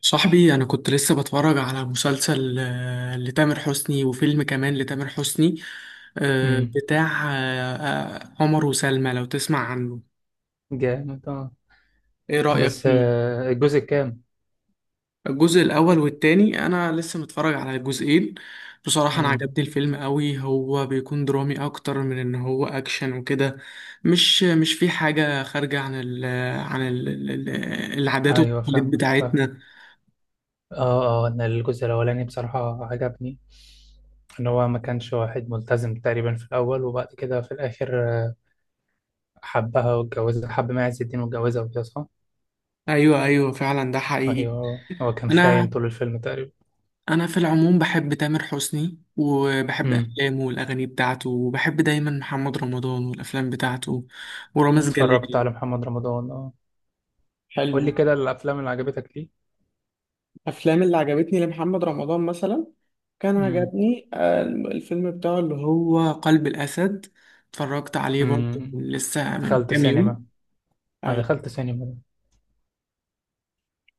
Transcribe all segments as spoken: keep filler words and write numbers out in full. صاحبي، أنا كنت لسه بتفرج على مسلسل آه، لتامر حسني، وفيلم كمان لتامر حسني، آه، امم. بتاع آه، آه، عمر وسلمى. لو تسمع عنه، جامد اه. إيه رأيك بس فيه؟ آه، الجزء الكام؟ الجزء الأول والتاني أنا لسه متفرج على الجزئين. بصراحة أنا امم عجبني الفيلم قوي، هو بيكون درامي أكتر من إن هو أكشن وكده. مش مش في حاجة خارجة عن ال عن ال العادات ايوه، والتقاليد فاهمك فاهم. بتاعتنا. اه اه، انا الجزء الاولاني بصراحه عجبني. ان هو ما كانش واحد ملتزم تقريبا في الاول وبعد كده في الاخر آه، حبها واتجوزها، حب ما عز الدين واتجوزها وكده، صح. أيوه، أيوه، فعلا ده حقيقي. ايوه آه. هو كان خاين انا طول الفيلم تقريبا. انا في العموم بحب تامر حسني، وبحب امم. افلامه والاغاني بتاعته، وبحب دايما محمد رمضان والافلام بتاعته، ورامز اتفرجت جلال. على محمد رمضان، اه. قول لي حلو. كده الافلام اللي عجبتك ليه. الافلام اللي عجبتني لمحمد رمضان مثلا، كان امم. عجبني آه، الفيلم بتاعه اللي هو هو قلب الاسد. اتفرجت عليه برضه امم. لسه من دخلت كام سينما، يوم. ما دخلت سينما ده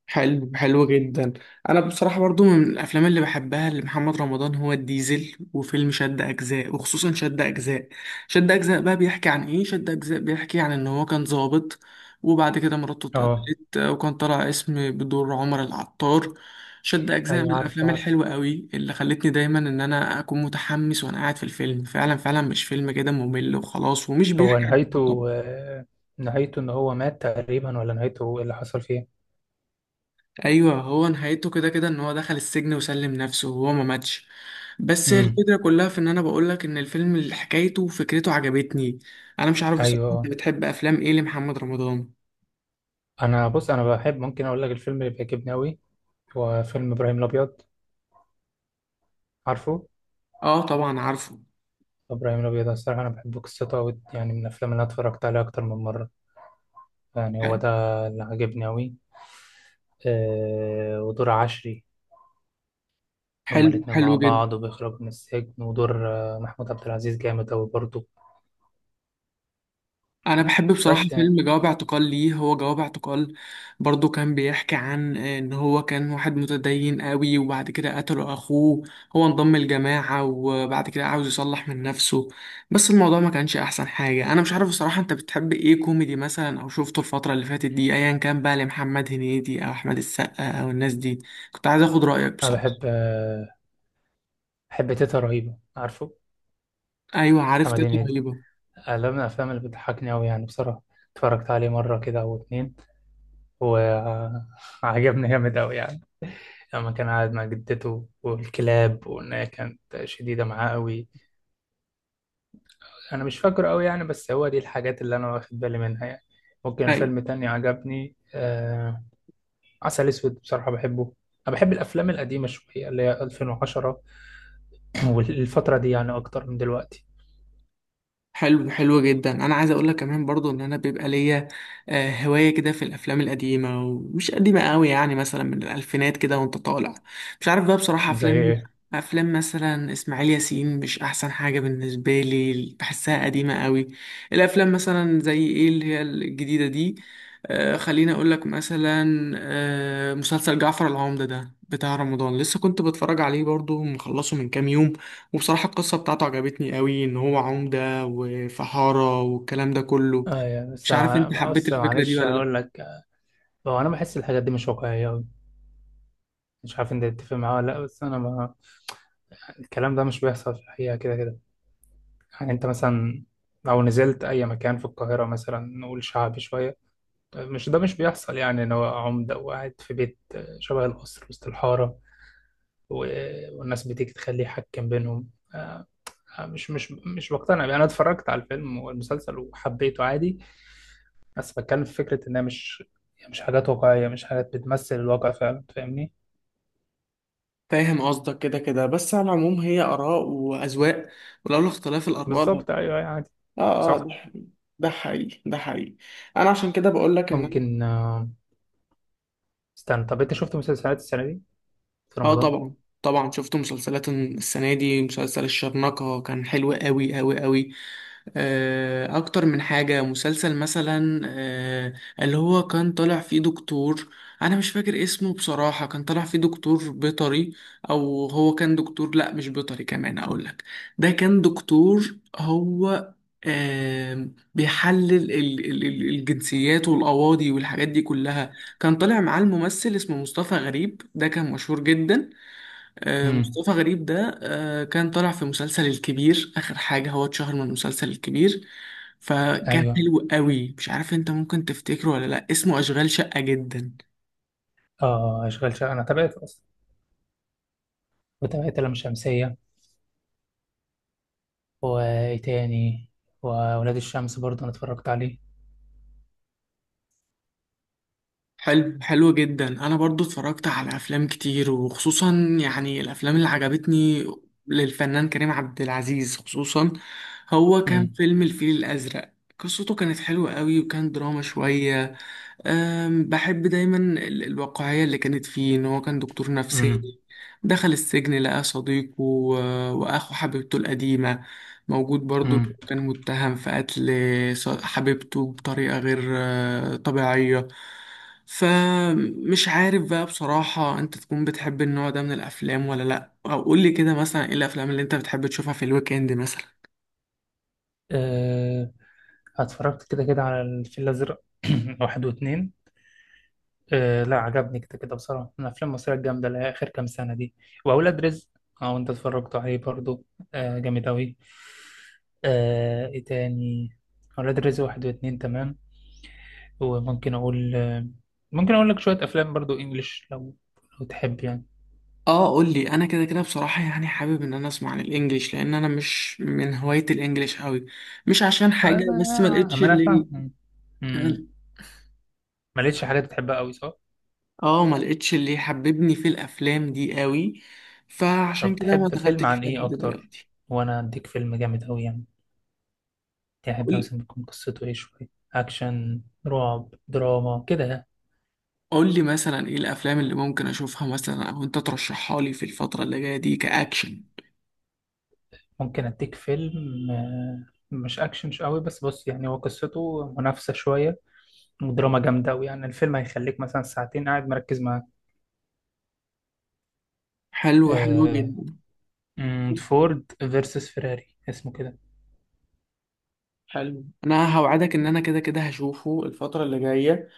حلو، حلو جدا. انا بصراحه برضو من الافلام اللي بحبها لمحمد رمضان هو الديزل وفيلم شد اجزاء، وخصوصا شد اجزاء. شد اجزاء بقى بيحكي عن ايه؟ شد اجزاء بيحكي عن ان هو كان ضابط، وبعد كده مراته اه، اتقتلت، آه، وكان طالع اسم بدور عمر العطار. شد اجزاء من ايوه عارفه الافلام عارفه. الحلوه قوي اللي خلتني دايما ان انا اكون متحمس وانا قاعد في الفيلم، فعلا فعلا مش فيلم كده ممل وخلاص، ومش هو بيحكي عن نهايته البلطجة. آه، نهايته ان هو مات تقريبا، ولا نهايته ايه اللي حصل فيه؟ ايوه، هو نهايته كده كده ان هو دخل السجن وسلم نفسه وهو ما ماتش. بس امم. الفكره كلها في ان انا بقولك ان الفيلم اللي حكايته وفكرته عجبتني. انا مش عارف بصراحه انت ايوه. بتحب افلام ايه لمحمد رمضان. انا بص، انا بحب ممكن اقول لك الفيلم اللي بيعجبني قوي، هو فيلم ابراهيم الابيض، عارفه. اه طبعا، عارفه. ابراهيم الابيض أنا الصراحه انا بحب قصته قوي، يعني من الافلام اللي أنا اتفرجت عليها اكتر من مره. يعني هو ده اللي عجبني قوي. أه، ودور عشري، هما حلو، الاتنين حلو مع جدا. بعض وبيخرجوا من السجن، ودور آه، محمود عبد العزيز جامد قوي برضه. انا بحب بصراحه بس يعني فيلم جواب اعتقال. ليه هو جواب اعتقال؟ برضو كان بيحكي عن ان هو كان واحد متدين قوي، وبعد كده قتله اخوه. هو انضم الجماعه، وبعد كده عاوز يصلح من نفسه. بس الموضوع ما كانش احسن حاجه. انا مش عارف بصراحه انت بتحب ايه، كوميدي مثلا، او شفته الفتره اللي فاتت دي، ايا كان بقى لمحمد هنيدي او احمد السقا او الناس دي. كنت عايز اخد رايك انا بصراحه. بحب آه، بحب تيتا رهيبه عارفه، ايوه، عرفت. محمد إيه هنيدي. رهيبه. لا، من الأفلام اللي بتضحكني أوي يعني بصراحة. اتفرجت عليه مرة كده أو اتنين وعجبني جامد أوي يعني. لما كان قاعد مع جدته والكلاب، وإن هي كانت شديدة معاه أوي. أنا مش فاكره أوي يعني، بس هو دي الحاجات اللي أنا واخد بالي منها يعني. ممكن فيلم ايوه. تاني عجبني، آه عسل أسود، بصراحة بحبه. أنا بحب الأفلام القديمة شوية اللي هي ألفين وعشرة، والفترة دي يعني أكتر من دلوقتي. حلو، حلو جدا. انا عايز اقول لك كمان برضو ان انا بيبقى ليا آه، هوايه كده في الافلام القديمه، ومش قديمه قوي، يعني مثلا من الالفينات كده وانت طالع. مش عارف بقى بصراحه زي افلام إيه؟ افلام مثلا اسماعيل ياسين، مش احسن حاجه بالنسبه لي، بحسها قديمه قوي. الافلام مثلا زي ايه اللي هي الجديده دي؟ آه، خليني اقول لك مثلا، آه، مسلسل جعفر العمدة ده بتاع رمضان لسه كنت بتفرج عليه برضو، مخلصه من كام يوم. وبصراحة القصة بتاعته عجبتني قوي، ان هو عمدة وفحارة والكلام ده كله. آه يعني بس، مش عارف انت حبيت بس الفكرة دي معلش ولا لا. أقول لك. هو أنا بحس الحاجات دي مش واقعية، مش عارف انت تتفق معاه ولا لا، بس انا ما الكلام ده مش بيحصل في الحقيقة كده كده. يعني انت مثلا لو نزلت اي مكان في القاهرة، مثلا نقول شعبي شوية، مش ده مش بيحصل، يعني ان هو عمدة وقاعد في بيت شبه القصر وسط الحارة، و- والناس بتيجي تخليه يحكم بينهم، آه، مش مش مش بقتنع بيه. انا اتفرجت على الفيلم والمسلسل وحبيته عادي، بس بتكلم في فكرة انها مش مش حاجات واقعية، مش حاجات بتمثل الواقع فعلا، فاهمني. فاهم قصدك كده كده، بس على العموم هي آراء وأذواق، ولولا اختلاف الأرواح. اه. بالظبط، ايوه أيوة، عادي، اه، صح. ده ده حقيقي، ده حقيقي. انا عشان كده بقول لك ان انا. ممكن آه، استنى، طب انت شفت مسلسلات السنه دي في اه رمضان؟ طبعا، طبعا شفت مسلسلات السنه دي. مسلسل الشرنقه كان حلو قوي قوي قوي. آه، اكتر من حاجه، مسلسل مثلا، آه، اللي هو كان طالع فيه دكتور. انا مش فاكر اسمه بصراحه، كان طالع فيه دكتور بيطري، او هو كان دكتور، لا مش بيطري. كمان اقول لك، ده كان دكتور هو آه، بيحلل ال- ال- ال- الجنسيات والأواضي والحاجات دي كلها. كان طالع معاه الممثل اسمه مصطفى غريب، ده كان مشهور جدا. آه، امم. مصطفى غريب ده آه، كان طالع في مسلسل الكبير. آخر حاجة، هو اتشهر من مسلسل الكبير. فكان ايوه. حلو قوي. مش عارف انت ممكن تفتكره ولا لا، اسمه أشغال شقة جدا. اه، اشغال شقه انا تابعت اصلا، وتابعت لام شمسيه، وايه تاني، وولاد الشمس برضه انا اتفرجت عليه. حلو، حلو جدا. انا برضو اتفرجت على افلام كتير، وخصوصا يعني الافلام اللي عجبتني للفنان كريم عبد العزيز، خصوصا هو كان امم. فيلم الفيل الازرق. قصته كانت حلوة قوي، وكان دراما شوية. أم، بحب دايما ال- الواقعية اللي كانت فيه، إن هو كان دكتور امم. نفساني دخل السجن، لقى صديقه و- وأخو حبيبته القديمة موجود برضه، إنه امم. كان متهم في قتل ص- حبيبته بطريقة غير آه، طبيعية. فمش عارف بقى بصراحة أنت تكون بتحب النوع ده من الأفلام ولا لأ، أو قولي كده مثلا إيه الأفلام اللي أنت بتحب تشوفها في الويك إند مثلا. أه، اتفرجت كده كده على الفيل الازرق واحد واتنين. أه، لا عجبني كده كده بصراحه، من الافلام المصريه الجامده اللي هي اخر كام سنه دي. واولاد رزق، اه وانت اتفرجت عليه برضه. أه، جامد اوي. أه، ايه تاني؟ اولاد رزق واحد واتنين، تمام. وممكن اقول ممكن اقول لك شويه افلام برضو انجليش، لو لو تحب يعني. اه، قول لي. انا كده كده بصراحه يعني حابب ان انا اسمع عن الانجليش، لان انا مش من هوايه الانجليش قوي. مش عشان آه، حاجه، بس ما لقيتش ما انا اللي. فاهم. اه، أمم. ما لقيتش حاجات بتحبها قوي، صح. آه، ما لقيتش اللي حببني في الافلام دي قوي، فعشان طب كده ما تحب فيلم دخلتش عن فيها ايه لحد اكتر دلوقتي. وانا اديك فيلم جامد قوي يعني؟ تحب قول مثلا تكون قصته ايه؟ شويه اكشن، رعب، دراما كده يعني. قول لي مثلا ايه الافلام اللي ممكن اشوفها مثلا، او انت ترشحها لي في الفتره اللي جايه دي، كاكشن. ممكن اديك فيلم آه، مش اكشن مش قوي، بس بص يعني هو قصته منافسه شويه ودراما جامده قوي، يعني الفيلم هيخليك مثلا ساعتين قاعد مركز حلو، حلو معاه. جدا، مم، فورد فيرسس فيراري اسمه كده. حلو. انا هوعدك ان انا كده كده هشوفه الفتره اللي جايه.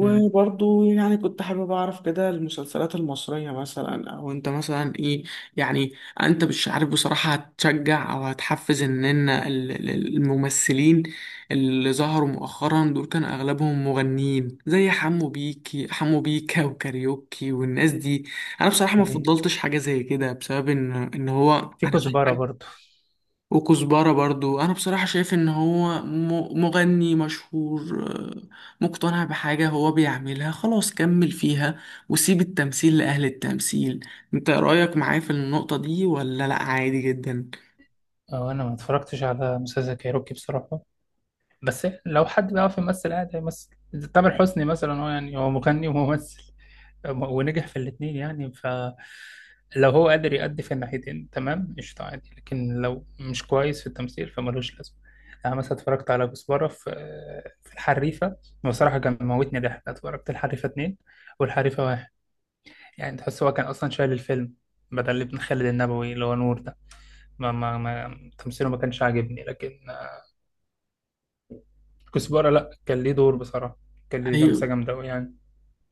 امم. يعني كنت حابب أعرف كده المسلسلات المصرية مثلا، أو أنت مثلا إيه يعني. أنت مش عارف بصراحة هتشجع أو هتحفز إن إن ال- ال- الممثلين اللي ظهروا مؤخرا دول كان أغلبهم مغنيين، زي حمو بيكي حمو بيكا وكاريوكي والناس دي. أنا بصراحة ما صحيح، فضلتش حاجة زي كده بسبب إن إن هو في أنا كزبرة شايف، برضو. وكزبرة برضو. أنا بصراحة شايف إن هو م- مغني مشهور، آه، مقتنع بحاجة هو بيعملها خلاص كمل فيها، وسيب التمثيل لأهل التمثيل. أنت رأيك معايا في النقطة دي ولا لأ، عادي جدا؟ أو أنا ما اتفرجتش على مسلسل كايروكي بصراحة، بس لو حد بيعرف يمثل عادي هيمثل. إذا تامر حسني مثلا، هو يعني هو مغني وممثل، م- ونجح في الاتنين يعني، ف لو هو قادر يأدي في الناحيتين تمام، قشطة عادي، لكن لو مش كويس في التمثيل فملوش لازمة. أنا مثلا اتفرجت على كزبرة في في الحريفة، بصراحة كان موتني ضحك. اتفرجت الحريفة اتنين والحريفة واحد، يعني تحس هو كان أصلا شايل الفيلم، بدل ابن خالد النبوي اللي هو نور ده، ما ما ما تمثيله ما كانش عاجبني. لكن كزبرة لأ، كان ليه دور بصراحة، كان ليه لمسة أيوة، جامدة أوي يعني.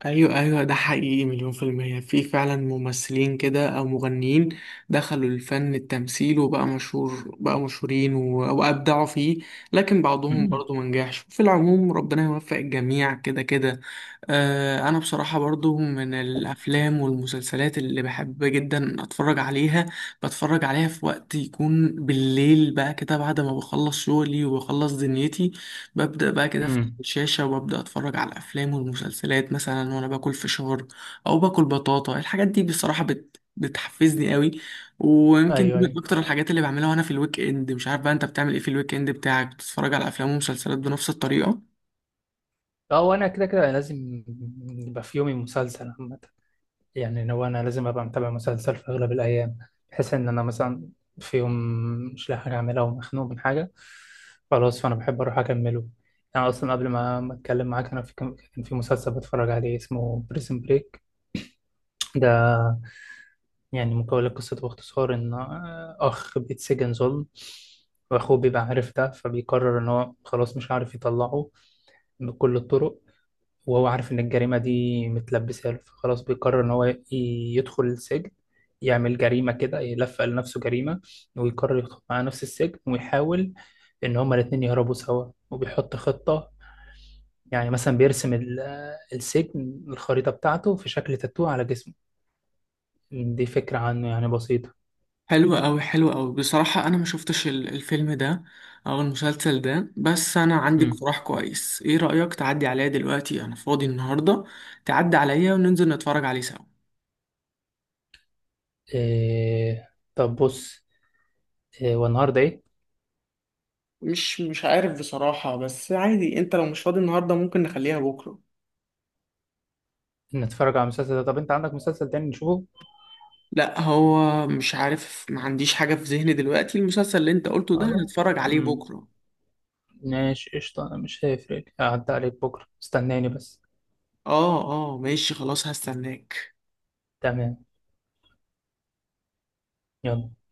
ايوه، ايوه، ده حقيقي مليون في المية. في فعلا ممثلين كده او مغنيين دخلوا الفن التمثيل، وبقى مشهور بقى مشهورين و- وابدعوا فيه. لكن بعضهم أمم. برضو منجحش. في العموم ربنا يوفق الجميع كده كده. آه انا بصراحة برضو من الافلام والمسلسلات اللي بحب جدا اتفرج عليها، بتفرج عليها في وقت يكون بالليل بقى كده، بعد ما بخلص شغلي وبخلص دنيتي. ببدأ بقى كده في أمم. الشاشة، وببدأ أتفرج على الأفلام والمسلسلات مثلا، وأنا باكل فشار أو باكل بطاطا. الحاجات دي بصراحة بت... بتحفزني قوي. ويمكن دي أيوه من أيوه. أكتر الحاجات اللي بعملها وأنا في الويك إند. مش عارف بقى أنت بتعمل إيه في الويك إند بتاعك، بتتفرج على أفلام ومسلسلات بنفس الطريقة؟ أه، وأنا كده كده لازم يبقى في يومي مسلسل، عامة يعني. لو انا لازم ابقى متابع مسلسل في اغلب الايام، بحيث ان انا مثلا في يوم مش لاقي حاجه اعملها ومخنوق من حاجه، خلاص فانا بحب اروح اكمله. يعني اصلا قبل ما ما اتكلم معاك انا في كان كان في مسلسل بتفرج عليه اسمه بريزن بريك ده. يعني مكون لقصته باختصار ان آه، اخ بيتسجن ظلم، واخوه بيبقى عارف ده، فبيقرر ان هو خلاص مش عارف يطلعه بكل الطرق، وهو عارف إن الجريمة دي متلبسة له، فخلاص بيقرر إن هو ي- يدخل السجن، يعمل جريمة كده، يلفق لنفسه جريمة، ويقرر يدخل مع نفس السجن ويحاول إن هما الاتنين يهربوا سوا. وبيحط خطة، يعني مثلا بيرسم ال- السجن، الخريطة بتاعته في شكل تاتو على جسمه، دي فكرة عنه يعني بسيطة. حلوة أوي، حلوة أوي. بصراحة أنا ما شفتش ال- الفيلم ده أو المسلسل ده، بس أنا عندي مم. اقتراح كويس. إيه رأيك تعدي عليا دلوقتي، أنا فاضي النهاردة. تعدي عليا وننزل نتفرج عليه سوا. إيه طب بص، إيه والنهاردة إيه؟ مش مش عارف بصراحة، بس عادي انت لو مش فاضي النهاردة ممكن نخليها بكرة. نتفرج على مسلسل ده؟ طب أنت عندك مسلسل تاني نشوفه؟ لا هو مش عارف، ما عنديش حاجة في ذهني دلوقتي. المسلسل اللي انت قلته ده خلاص. هنتفرج عليه مم. بكرة. ماشي قشطة، أنا مش هيفرق، هعدي عليك بكرة، استناني بس. اه، اه، ماشي خلاص، هستناك. تمام، يلا.